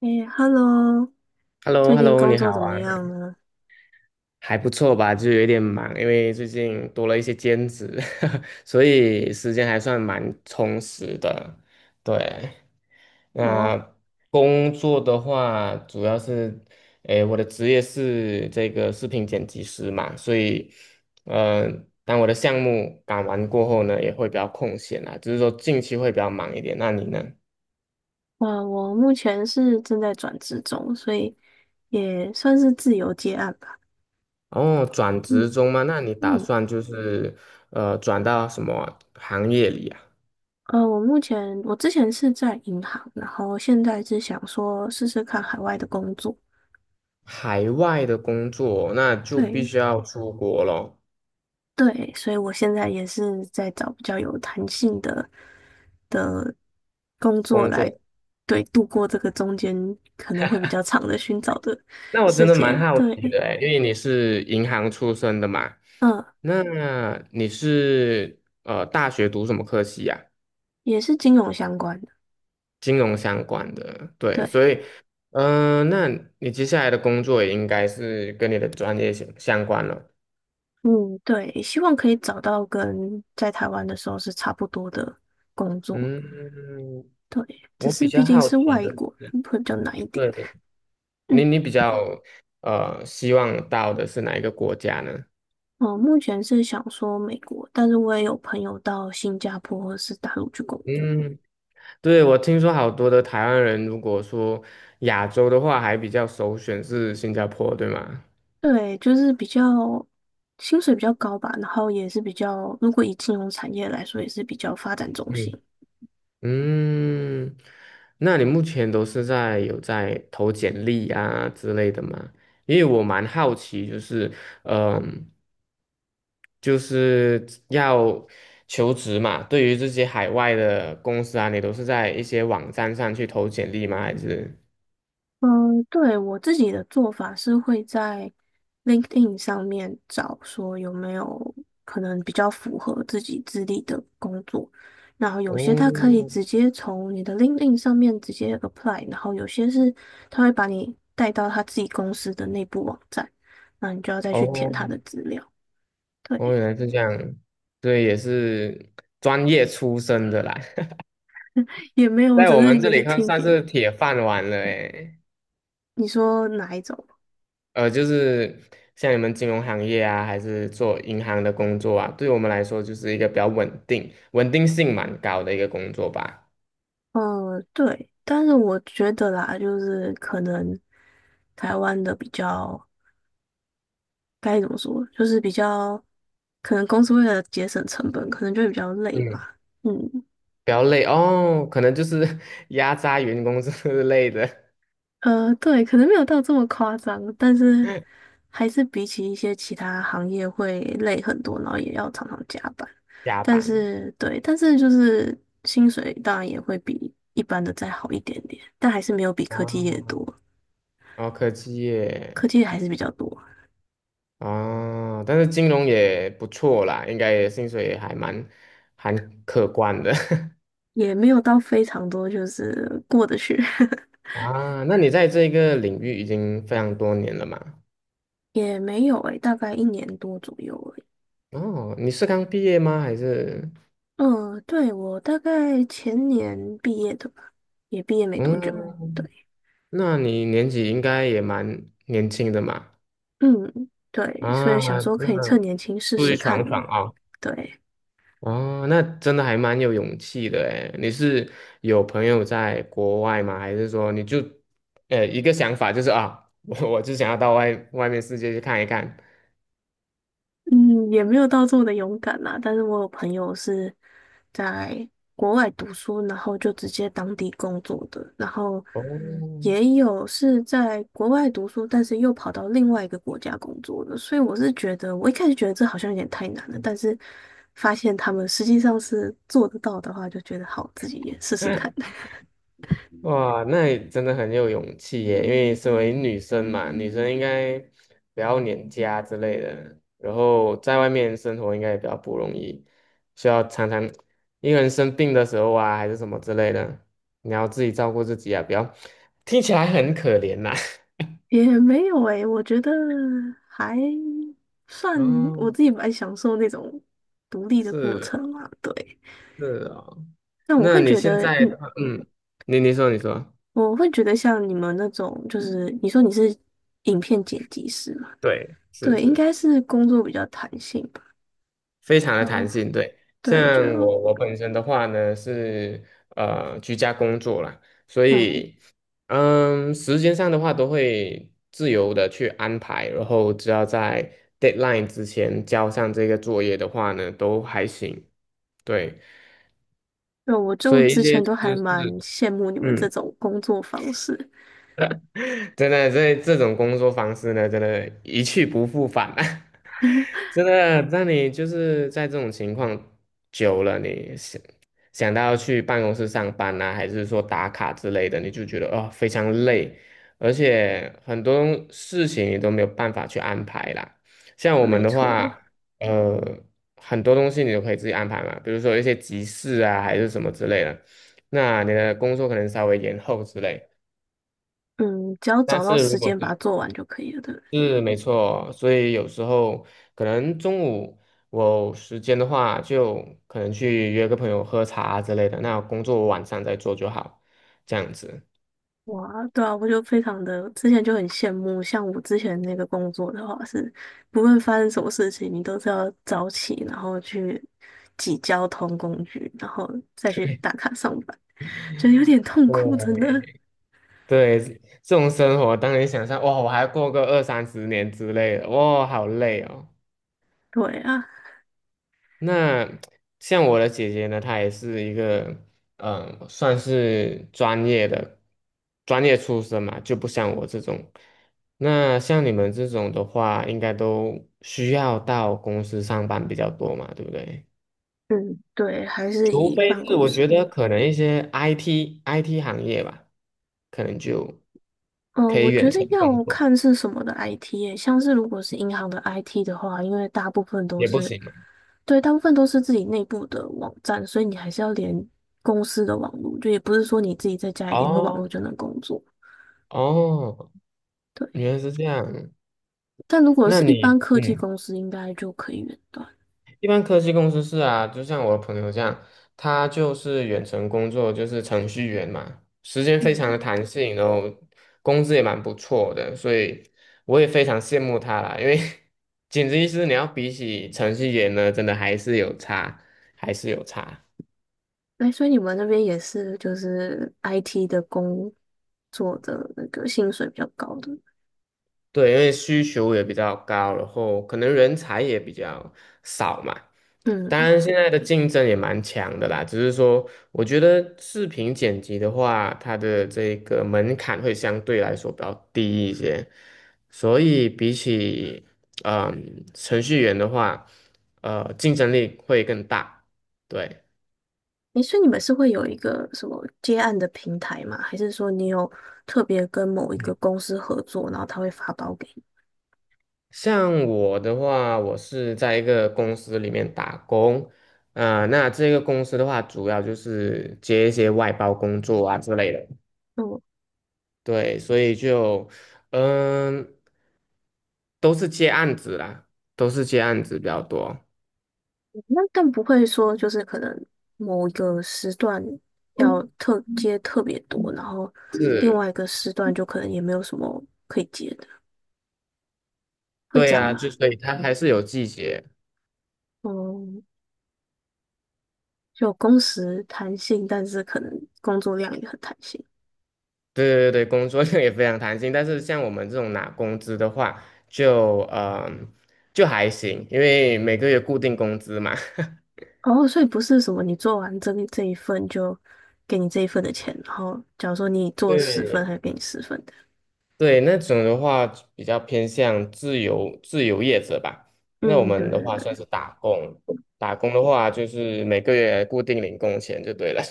诶，Hello，h e l l o 最 h e l l 近 o 工你作好怎么啊。样呢？还不错吧？就有点忙，因为最近多了一些兼职，所以时间还算蛮充实的。对。哦，那工作的话，主要是，诶，我的职业是这个视频剪辑师嘛，所以，呃，当我的项目赶完过后呢，也会比较空闲啊，只是说近期会比较忙一点。那你呢？我目前是正在转职中，所以也算是自由接案吧。哦，转嗯职中吗？那你打嗯，算就是转到什么行业里啊？呃，我目前我之前是在银行，然后现在是想说试试看海外的工作。海外的工作，那就必对须要出国咯。对，所以我现在也是在找比较有弹性的的工作工来，作。对，度过这个中间可能会比较长的寻找的那我真时的蛮间。好奇的对，诶，因为你是银行出身的嘛，嗯，那你是大学读什么科系呀？也是金融相关的。金融相关的，对，对，所以嗯、呃那你接下来的工作也应该是跟你的专业相关了。嗯，对，希望可以找到跟在台湾的时候是差不多的工作。嗯，对，只我是比毕较竟好是奇外的。国人，会比较难一点。对。嗯，你比较希望到的是哪一个国家呢？我目前是想说美国，但是我也有朋友到新加坡或是大陆去工作。嗯，对，我听说好多的台湾人，如果说亚洲的话，还比较首选是新加坡，对吗？对，就是比较薪水比较高吧，然后也是比较，如果以金融产业来说，也是比较发展中心。嗯。嗯，那你目前都是在有在投简历啊之类的吗？因为我蛮好奇，就是嗯，就是要求职嘛，对于这些海外的公司啊，你都是在一些网站上去投简历吗？还是？嗯，对，我自己的做法是会在 LinkedIn 上面找说有没有可能比较符合自己资历的工作，然后有些他可以哦直接从你的 LinkedIn 上面直接 apply，然后有些是他会把你带到他自己公司的内部网站，那你就要再去填他哦的资料。哦，对，原来是这样。对，也是专业出身的啦。也没 有，我在只我是们这也是里看听算别人。是铁饭碗了诶。你说哪一种？呃，就是像你们金融行业啊，还是做银行的工作啊，对我们来说就是一个比较稳定、稳定性蛮高的一个工作吧。嗯，对，但是我觉得啦，就是可能台湾的比较该怎么说，就是比较可能公司为了节省成本，可能就会比较累嗯，吧。嗯，比较累哦，可能就是 压榨员工之类的 对，可能没有到这么夸张，但是 还是比起一些其他行业会累很多，然后也要常常加班。加但班。是对，但是就是薪水当然也会比一般的再好一点点，但还是没有比科技啊，业多，哦，科技科业。技业还是比较多。哦，但是金融也不错啦，应该也薪水也还蛮还可观的。 也没有到非常多，就是过得去。啊。那你在这个领域已经非常多年了嘛？也没有诶，大概一年多左右诶。哦，你是刚毕业吗？还是？嗯，对，我大概前年毕业的吧，也毕业没多久。嗯，对，那你年纪应该也蛮年轻的嘛？嗯，对，所啊，以想说可以那趁年轻试出去试看。闯闯啊！对，哦，那真的还蛮有勇气的诶。你是有朋友在国外吗？还是说你就，一个想法就是啊，我就想要到外面世界去看一看。嗯，也没有到这么的勇敢啦，但是我有朋友是在国外读书，然后就直接当地工作的，然后哦，也有是在国外读书，但是又跑到另外一个国家工作的，所以我是觉得，我一开始觉得这好像有点太难了，但是发现他们实际上是做得到的话，就觉得好，自己也试试看。哇，那你真的很有勇气耶！因为身为女生嘛，女生应该不要黏家之类的，然后在外面生活应该也比较不容易，需要常常一个人生病的时候啊，还是什么之类的，你要自己照顾自己啊，不要听起来很可怜呐。也没有诶，我觉得还 算哦，我自己蛮享受那种独立的是过哦，程嘛，对。是哦，那我那会你觉现得，在的话，嗯，你你说你说，像你们那种，就是你说你是影片剪辑师嘛，对，是对，应是。该是工作比较弹性吧。非常的嗯，弹性，对。对，就像我本身的话呢，是居家工作啦，所嗯，以嗯，时间上的话都会自由的去安排，然后只要在 deadline 之前交上这个作业的话呢，都还行。对。对，我所就以一之些前都还知识，蛮羡慕你们这嗯。种工作方式。真的，这种工作方式呢，真的，一去不复返啊！真的，那你就是在这种情况久了，你想想到去办公室上班啊，还是说打卡之类的，你就觉得哦非常累，而且很多事情你都没有办法去安排啦。像我们没的错，话，呃，很多东西你都可以自己安排嘛，比如说一些急事啊，还是什么之类的，那你的工作可能稍微延后之类。嗯，只要但找到是如时果间把是它做完就可以了，对不对？是没错，所以有时候可能中午我有时间的话，就可能去约个朋友喝茶之类的。那工作我晚上再做就好，这样子。哇，对啊，我就非常的，之前就很羡慕，像我之前那个工作的话是，不论发生什么事情，你都是要早起，然后去挤交通工具，然后再去打卡上班，觉得有点痛苦，真对，的。对，这种生活当你想象，哇，我还过个二三十年之类的，哇，好累哦。对啊，那像我的姐姐呢，她也是一个，算是专业的，专业出身嘛，就不像我这种。那像你们这种的话，应该都需要到公司上班比较多嘛，对不对？嗯，对，还是除以非办是公我觉室。得可能一些 IT 行业吧，可能就嗯，可我以觉远得程工要作，看是什么的 IT 耶，像是如果是银行的 IT 的话，因为大部分都也不是，行嘛。对，大部分都是自己内部的网站，所以你还是要连公司的网络，就也不是说你自己在家里连个网哦络就能工作。哦，对，原来是这样。但如果那是一你般科技嗯。公司，应该就可以远端。一般科技公司是啊，就像我的朋友这样，他就是远程工作，就是程序员嘛，时间非常嗯，的弹性，然后工资也蛮不错的，所以我也非常羡慕他啦。因为 简直意思，你要比起程序员呢，真的还是有差，还是有差。哎，所以你们那边也是就是 IT 的工作的那个薪水比较高的。对，因为需求也比较高，然后可能人才也比较少嘛。当嗯。然，现在的竞争也蛮强的啦，只是说，我觉得视频剪辑的话，它的这个门槛会相对来说比较低一些，所以比起程序员的话，竞争力会更大。对。诶，所以你们是会有一个什么接案的平台吗？还是说你有特别跟某一个公司合作，然后他会发包给你？像我的话，我是在一个公司里面打工，啊、那这个公司的话，主要就是接一些外包工作啊之类的，嗯，对，所以就，嗯，都是接案子啦，都是接案子比较多，那更不会说就是可能某一个时段要特接特别多，然后另是，外一个时段就可能也没有什么可以接的，会这对样啊，吗？就所以它还是有季节，嗯，就工时弹性，但是可能工作量也很弹性。对对对，工作 量也非常弹性，但是像我们这种拿工资的话，就，嗯，就还行，因为每个月固定工资嘛，哦，所以不是什么你做完这个这一份就给你这一份的钱，然后假如说你 做十份，对还给你十份的。对，那种的话比较偏向自由业者吧。那我嗯，对们的对话算对。是打工，打工的话就是每个月固定领工钱就对了。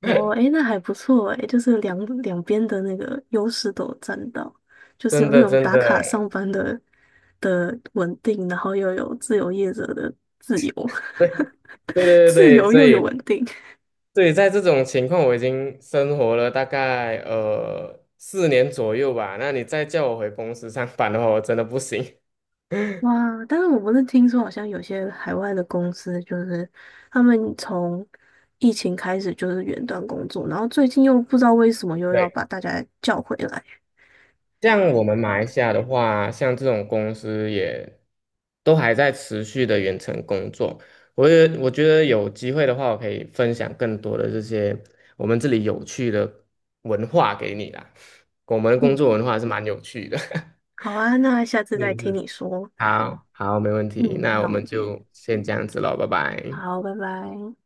哦，诶，那还不错诶，就是两边的那个优势都有占到，就是有真那的种真打卡上的，班的稳定，然后又有自由业者的自由，对对 对对自对，由所又有以稳定。对，在这种情况我已经生活了大概四年左右吧。那你再叫我回公司上班的话，我真的不行。哇！但是我不是听说，好像有些海外的公司，就是他们从疫情开始就是远端工作，然后最近又不知道为什么又要对。把大家叫回来。像我们马来西亚的话，像这种公司也都还在持续的远程工作。我觉得有机会的话，我可以分享更多的这些我们这里有趣的文化给你啦。我们的工作嗯，文化是蛮有趣的。好啊，那下次再听你说。好，好，没问题。嗯，那那我我们们见，就先这样子喽，拜拜。好，拜拜。